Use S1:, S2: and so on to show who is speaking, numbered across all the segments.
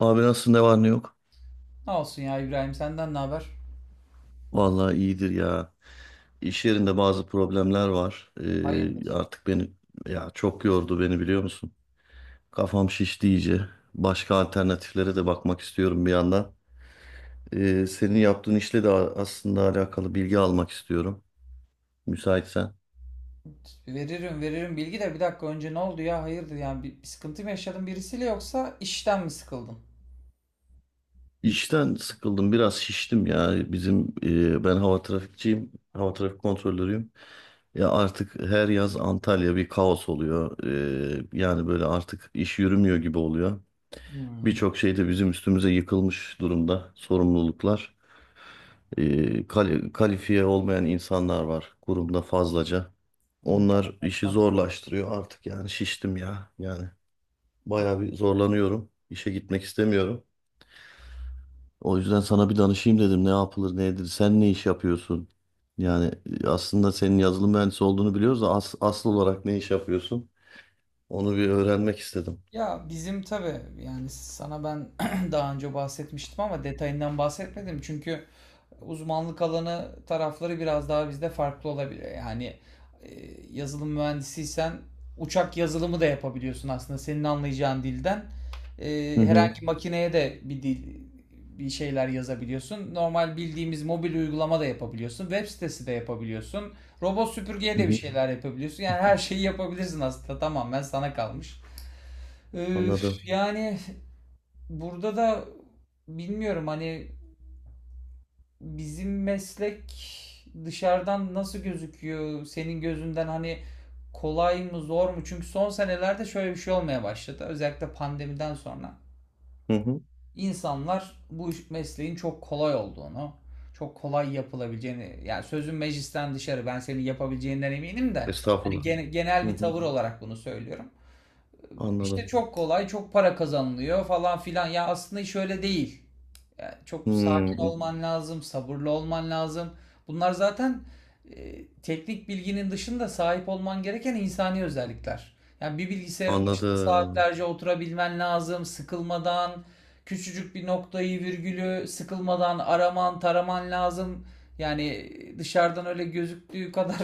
S1: Abi nasıl ne var ne yok?
S2: Ne olsun ya İbrahim, senden ne haber?
S1: Vallahi iyidir ya. İş yerinde bazı problemler var.
S2: Hayırdır?
S1: Artık beni ya çok yordu beni biliyor musun? Kafam şişti iyice. Başka alternatiflere de bakmak istiyorum bir yandan. Senin yaptığın işle de aslında alakalı bilgi almak istiyorum. Müsaitsen.
S2: Veririm bilgi de, bir dakika önce ne oldu ya, hayırdır yani bir sıkıntı mı yaşadın birisiyle yoksa işten mi sıkıldın?
S1: İşten sıkıldım, biraz şiştim ya. Bizim ben hava trafikçiyim, hava trafik kontrolörüyüm ya. Artık her yaz Antalya bir kaos oluyor. Yani böyle artık iş yürümüyor gibi oluyor.
S2: Hmm.
S1: Birçok şey de bizim üstümüze yıkılmış durumda, sorumluluklar. Kalifiye olmayan insanlar var kurumda fazlaca.
S2: Onlarla
S1: Onlar işi
S2: konuşmak.
S1: zorlaştırıyor artık, yani şiştim ya yani, bayağı bir zorlanıyorum. İşe gitmek istemiyorum. O yüzden sana bir danışayım dedim. Ne yapılır, ne edilir? Sen ne iş yapıyorsun? Yani aslında senin yazılım mühendisi olduğunu biliyoruz da asıl olarak ne iş yapıyorsun? Onu bir öğrenmek istedim.
S2: Ya bizim tabii yani sana ben daha önce bahsetmiştim ama detayından bahsetmedim çünkü uzmanlık alanı tarafları biraz daha bizde farklı olabilir. Yani e, yazılım mühendisiysen uçak yazılımı da yapabiliyorsun, aslında senin anlayacağın dilden.
S1: Hı
S2: E,
S1: hı.
S2: herhangi makineye de bir dil, bir şeyler yazabiliyorsun. Normal bildiğimiz mobil uygulama da yapabiliyorsun. Web sitesi de yapabiliyorsun. Robot süpürgeye
S1: Hı
S2: de bir
S1: hı.
S2: şeyler yapabiliyorsun. Yani her şeyi yapabilirsin aslında, tamamen sana kalmış. Ee,
S1: Anladım.
S2: yani burada da bilmiyorum, hani bizim meslek dışarıdan nasıl gözüküyor senin gözünden, hani kolay mı zor mu? Çünkü son senelerde şöyle bir şey olmaya başladı. Özellikle pandemiden sonra
S1: Hı hı.
S2: insanlar bu mesleğin çok kolay olduğunu, çok kolay yapılabileceğini, yani sözün meclisten dışarı, ben senin yapabileceğinden eminim de, hani
S1: Estağfurullah. Hı
S2: genel bir
S1: hı.
S2: tavır olarak bunu söylüyorum, işte
S1: Anladım.
S2: çok kolay, çok para kazanılıyor falan filan. Ya aslında iş öyle değil. Yani çok sakin
S1: Hmm,
S2: olman lazım, sabırlı olman lazım. Bunlar zaten teknik bilginin dışında sahip olman gereken insani özellikler. Yani bir bilgisayarın başında
S1: anladım.
S2: saatlerce oturabilmen lazım, sıkılmadan, küçücük bir noktayı, virgülü sıkılmadan araman, taraman lazım. Yani dışarıdan öyle gözüktüğü kadar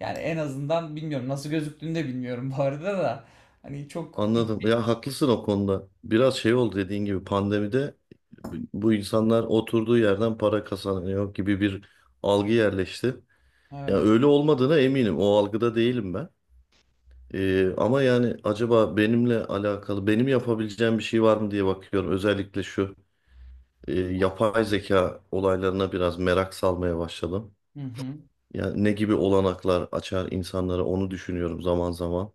S2: yani en azından bilmiyorum, nasıl gözüktüğünü de bilmiyorum bu arada da. Hani çok,
S1: Anladım. Ya haklısın o konuda. Biraz şey oldu, dediğin gibi pandemide bu insanlar oturduğu yerden para kazanıyor gibi bir algı yerleşti. Ya
S2: evet.
S1: öyle olmadığına eminim. O algıda değilim ben. Ama yani acaba benimle alakalı benim yapabileceğim bir şey var mı diye bakıyorum. Özellikle şu yapay zeka olaylarına biraz merak salmaya başladım.
S2: Hı hı.
S1: Yani ne gibi olanaklar açar insanlara onu düşünüyorum zaman zaman.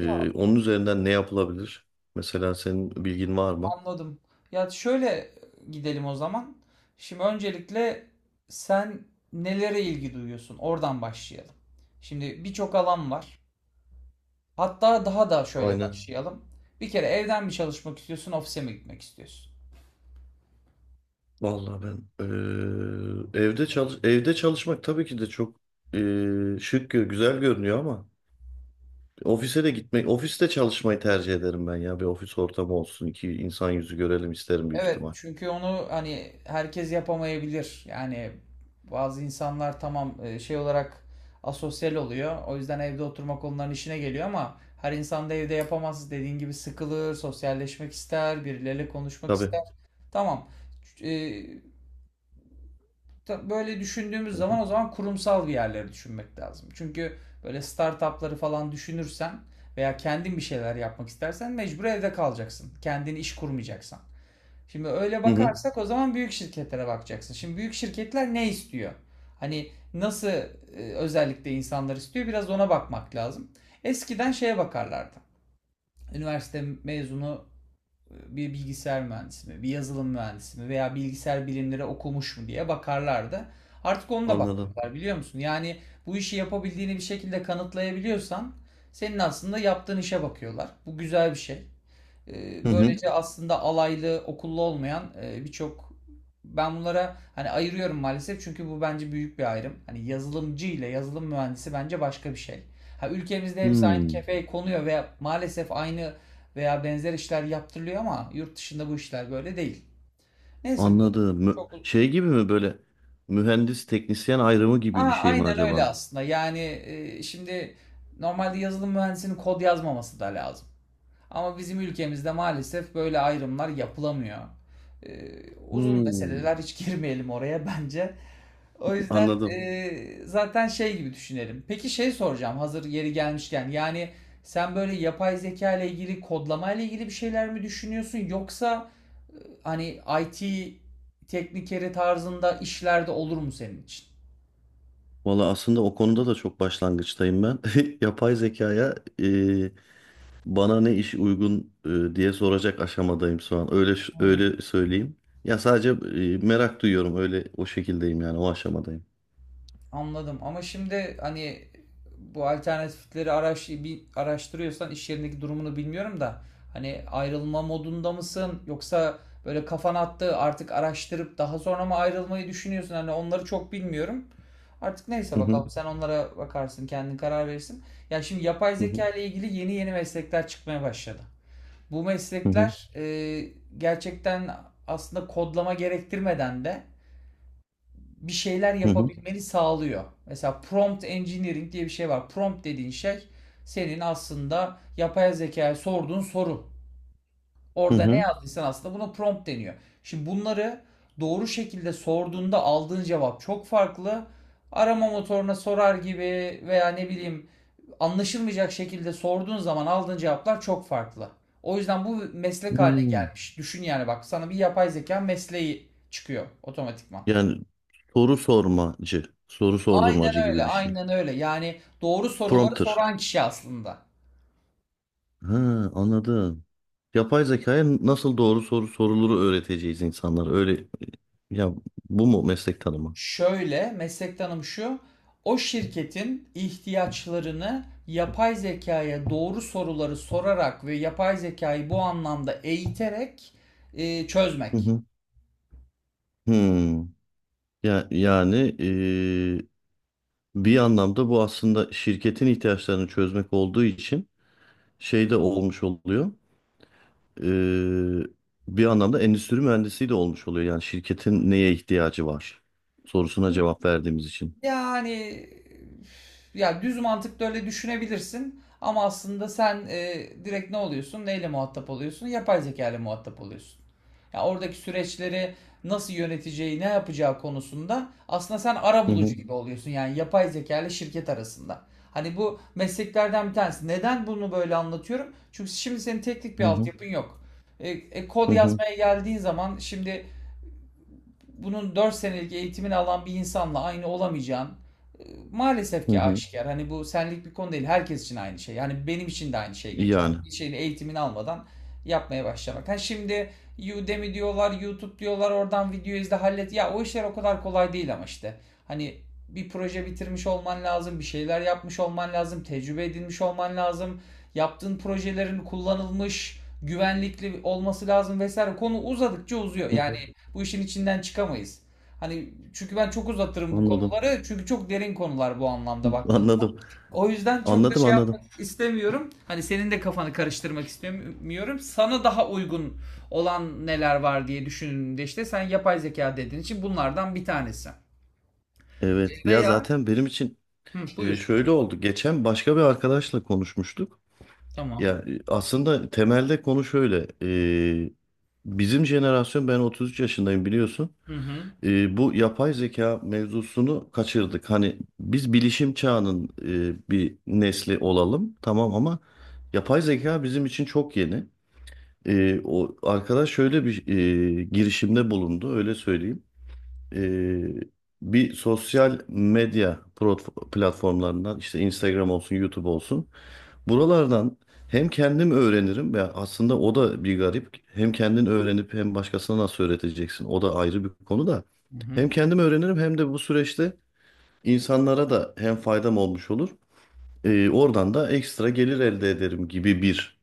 S2: Ya
S1: Onun üzerinden ne yapılabilir? Mesela senin bilgin var mı?
S2: anladım. Ya şöyle gidelim o zaman. Şimdi öncelikle sen nelere ilgi duyuyorsun? Oradan başlayalım. Şimdi birçok alan var. Hatta daha da şöyle
S1: Aynen.
S2: başlayalım. Bir kere evden mi çalışmak istiyorsun, ofise mi gitmek istiyorsun?
S1: Vallahi ben evde çalışmak tabii ki de çok eee, şık güzel görünüyor ama ofise de gitmek, ofiste çalışmayı tercih ederim ben ya. Bir ofis ortamı olsun, iki insan yüzü görelim isterim büyük
S2: Evet,
S1: ihtimal.
S2: çünkü onu hani herkes yapamayabilir. Yani bazı insanlar tamam, şey olarak asosyal oluyor. O yüzden evde oturmak onların işine geliyor, ama her insan da evde yapamaz. Dediğin gibi sıkılır, sosyalleşmek ister, birileriyle konuşmak
S1: Tabii.
S2: ister. Tamam. E, böyle düşündüğümüz
S1: Hı hı.
S2: zaman, o zaman kurumsal bir yerleri düşünmek lazım. Çünkü böyle startupları falan düşünürsen, veya kendin bir şeyler yapmak istersen, mecbur evde kalacaksın. Kendin iş kurmayacaksan. Şimdi öyle
S1: Hı hı.
S2: bakarsak, o zaman büyük şirketlere bakacaksın. Şimdi büyük şirketler ne istiyor? Hani nasıl özellikle insanlar istiyor? Biraz ona bakmak lazım. Eskiden şeye bakarlardı. Üniversite mezunu bir bilgisayar mühendisi mi, bir yazılım mühendisi mi, veya bilgisayar bilimleri okumuş mu diye bakarlardı. Artık onu da
S1: Anladım.
S2: bakmıyorlar biliyor musun? Yani bu işi yapabildiğini bir şekilde kanıtlayabiliyorsan, senin aslında yaptığın işe bakıyorlar. Bu güzel bir şey.
S1: Hı hı.
S2: Böylece aslında alaylı, okullu olmayan birçok, ben bunlara hani ayırıyorum maalesef, çünkü bu bence büyük bir ayrım. Hani yazılımcı ile yazılım mühendisi bence başka bir şey. Ha, ülkemizde hepsi aynı
S1: Hmm.
S2: kefeye konuyor ve maalesef aynı veya benzer işler yaptırılıyor, ama yurt dışında bu işler böyle değil. Neyse, bu
S1: Anladım.
S2: çok.
S1: Şey gibi mi, böyle mühendis teknisyen ayrımı gibi
S2: Aa,
S1: bir şey mi
S2: aynen öyle
S1: acaba?
S2: aslında. Yani şimdi normalde yazılım mühendisinin kod yazmaması da lazım. Ama bizim ülkemizde maalesef böyle ayrımlar yapılamıyor. Ee, uzun
S1: Hmm.
S2: meseleler, hiç girmeyelim oraya bence. O yüzden
S1: Anladım.
S2: zaten şey gibi düşünelim. Peki şey soracağım hazır yeri gelmişken. Yani sen böyle yapay zeka ile ilgili, kodlama ile ilgili bir şeyler mi düşünüyorsun, yoksa e, hani IT teknikeri tarzında işlerde olur mu senin için?
S1: Valla aslında o konuda da çok başlangıçtayım ben. Yapay zekaya bana ne iş uygun diye soracak aşamadayım şu an.
S2: Hmm.
S1: Öyle söyleyeyim. Ya sadece merak duyuyorum. Öyle o şekildeyim yani o aşamadayım.
S2: Anladım, ama şimdi hani bu alternatifleri bir araştırıyorsan, iş yerindeki durumunu bilmiyorum da, hani ayrılma modunda mısın, yoksa böyle kafan attı artık, araştırıp daha sonra mı ayrılmayı düşünüyorsun, hani onları çok bilmiyorum. Artık neyse,
S1: Hı hı,
S2: bakalım, sen onlara bakarsın, kendin karar verirsin. Ya şimdi yapay
S1: hı hı,
S2: zeka ile ilgili yeni yeni meslekler çıkmaya başladı. Bu
S1: hı hı,
S2: meslekler gerçekten aslında kodlama gerektirmeden de bir şeyler
S1: hı hı.
S2: yapabilmeni sağlıyor. Mesela prompt engineering diye bir şey var. Prompt dediğin şey senin aslında yapay zekaya sorduğun soru.
S1: Hı
S2: Orada ne
S1: hı.
S2: yazdıysan aslında buna prompt deniyor. Şimdi bunları doğru şekilde sorduğunda aldığın cevap çok farklı. Arama motoruna sorar gibi, veya ne bileyim, anlaşılmayacak şekilde sorduğun zaman aldığın cevaplar çok farklı. O yüzden bu meslek haline
S1: Hmm.
S2: gelmiş. Düşün yani, bak sana bir yapay zeka mesleği çıkıyor otomatikman.
S1: Yani soru sormacı, soru
S2: Aynen
S1: sordurmacı
S2: öyle,
S1: gibi bir şey.
S2: aynen öyle. Yani doğru soruları
S1: Prompter.
S2: soran kişi aslında.
S1: Ha, anladım. Yapay zekaya nasıl doğru soru soruluru öğreteceğiz insanlara. Öyle ya, bu mu meslek tanımı?
S2: Şöyle, meslektanım şu: o şirketin ihtiyaçlarını yapay zekaya doğru soruları sorarak ve yapay zekayı bu anlamda eğiterek
S1: Hı
S2: çözmek.
S1: hı. Hmm. Ya yani bir anlamda bu aslında şirketin ihtiyaçlarını çözmek olduğu için şey de olmuş oluyor. Ee, Bir anlamda endüstri mühendisi de olmuş oluyor. Yani şirketin neye ihtiyacı var sorusuna cevap verdiğimiz için.
S2: Yani ya düz mantıkla öyle düşünebilirsin, ama aslında sen direkt ne oluyorsun? Neyle muhatap oluyorsun? Yapay zeka ile muhatap oluyorsun. Ya oradaki süreçleri nasıl yöneteceği, ne yapacağı konusunda aslında sen
S1: Hı
S2: arabulucu
S1: hı,
S2: gibi oluyorsun. Yani yapay zeka ile şirket arasında. Hani bu mesleklerden bir tanesi. Neden bunu böyle anlatıyorum? Çünkü şimdi senin teknik bir
S1: hı hı,
S2: altyapın yok. Kod
S1: hı hı.
S2: yazmaya geldiğin zaman, şimdi bunun 4 senelik eğitimini alan bir insanla aynı olamayacağın e, maalesef
S1: Hı
S2: ki
S1: hı.
S2: aşikar. Hani bu senlik bir konu değil. Herkes için aynı şey. Yani benim için de aynı şey geçer.
S1: Yani.
S2: Bir şeyin eğitimini almadan yapmaya başlamak. Ha şimdi, Udemy diyorlar, YouTube diyorlar, oradan video izle hallet. Ya o işler o kadar kolay değil, ama işte. Hani bir proje bitirmiş olman lazım, bir şeyler yapmış olman lazım, tecrübe edinmiş olman lazım. Yaptığın projelerin kullanılmış, güvenlikli olması lazım vesaire. Konu uzadıkça uzuyor.
S1: Hı hı.
S2: Yani bu işin içinden çıkamayız. Hani çünkü ben çok uzatırım bu
S1: Anladım.
S2: konuları. Çünkü çok derin konular bu anlamda baktığın zaman.
S1: Anladım.
S2: O yüzden çok da
S1: Anladım,
S2: şey
S1: anladım.
S2: yapmak istemiyorum. Hani senin de kafanı karıştırmak istemiyorum. Sana daha uygun olan neler var diye düşündüğümde, işte sen yapay zeka dediğin için, bunlardan bir tanesi.
S1: Evet. Ya
S2: Veya,
S1: zaten benim için
S2: hı, buyur.
S1: şöyle oldu. Geçen başka bir arkadaşla konuşmuştuk. Ya
S2: Tamam.
S1: aslında temelde konu şöyle. e, Bizim jenerasyon, ben 33 yaşındayım biliyorsun.
S2: Hı hı.
S1: E, bu yapay zeka mevzusunu kaçırdık. Hani biz bilişim çağının bir nesli olalım tamam ama yapay zeka bizim için çok yeni. O arkadaş şöyle bir girişimde bulundu, öyle söyleyeyim. E, Bir sosyal medya platformlarından işte Instagram olsun, YouTube olsun, buralardan hem kendim öğrenirim, ya aslında o da bir garip. Hem kendin öğrenip hem başkasına nasıl öğreteceksin? O da ayrı bir konu da.
S2: Hı hı.
S1: Hem kendim öğrenirim hem de bu süreçte insanlara da hem faydam olmuş olur. Oradan da ekstra gelir elde ederim gibi bir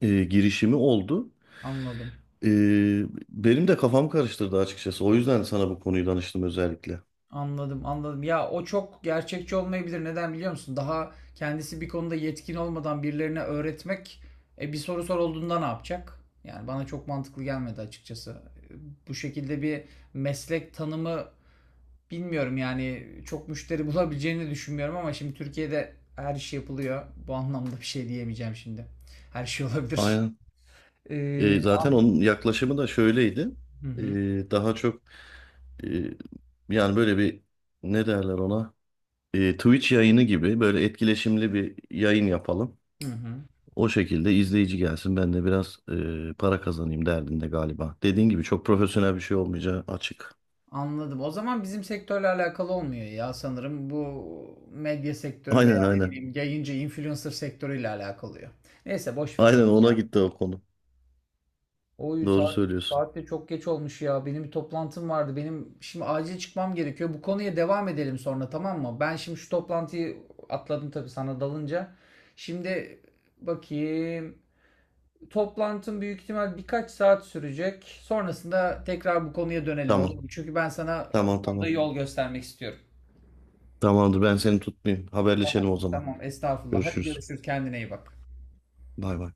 S1: girişimi oldu.
S2: Anladım.
S1: Ee, Benim de kafam karıştırdı açıkçası. O yüzden sana bu konuyu danıştım özellikle.
S2: Anladım, anladım. Ya o çok gerçekçi olmayabilir. Neden biliyor musun? Daha kendisi bir konuda yetkin olmadan birilerine öğretmek, bir soru sorulduğunda ne yapacak? Yani bana çok mantıklı gelmedi açıkçası. E, Bu şekilde bir meslek tanımı bilmiyorum, yani çok müşteri bulabileceğini düşünmüyorum, ama şimdi Türkiye'de her iş yapılıyor. Bu anlamda bir şey diyemeyeceğim şimdi. Her şey olabilir.
S1: Aynen.
S2: E,
S1: E, zaten
S2: an-
S1: onun yaklaşımı da şöyleydi.
S2: Hı hı,
S1: Daha çok e, yani böyle bir, ne derler ona? Twitch yayını gibi böyle etkileşimli bir yayın yapalım.
S2: hı hı.
S1: O şekilde izleyici gelsin, ben de biraz para kazanayım derdinde galiba. Dediğin gibi çok profesyonel bir şey olmayacağı açık.
S2: Anladım. O zaman bizim sektörle alakalı olmuyor ya sanırım. Bu medya sektörü,
S1: Aynen,
S2: veya ne
S1: aynen.
S2: bileyim, yayıncı influencer sektörüyle alakalı. Neyse, boş ver onu.
S1: Aynen, ona gitti o konu.
S2: Oy
S1: Doğru
S2: saat, aynen,
S1: söylüyorsun.
S2: saat de çok geç olmuş ya. Benim bir toplantım vardı. Benim şimdi acil çıkmam gerekiyor. Bu konuya devam edelim sonra, tamam mı? Ben şimdi şu toplantıyı atladım tabii sana dalınca. Şimdi bakayım. Toplantım büyük ihtimal birkaç saat sürecek. Sonrasında tekrar bu konuya dönelim, olur
S1: Tamam.
S2: mu? Çünkü ben sana
S1: Tamam,
S2: bu konuda
S1: tamam.
S2: yol göstermek istiyorum.
S1: Tamamdır, ben seni tutmayayım.
S2: Tamam.
S1: Haberleşelim o zaman.
S2: Tamam. Estağfurullah. Hadi
S1: Görüşürüz.
S2: görüşürüz. Kendine iyi bak.
S1: Bay bay.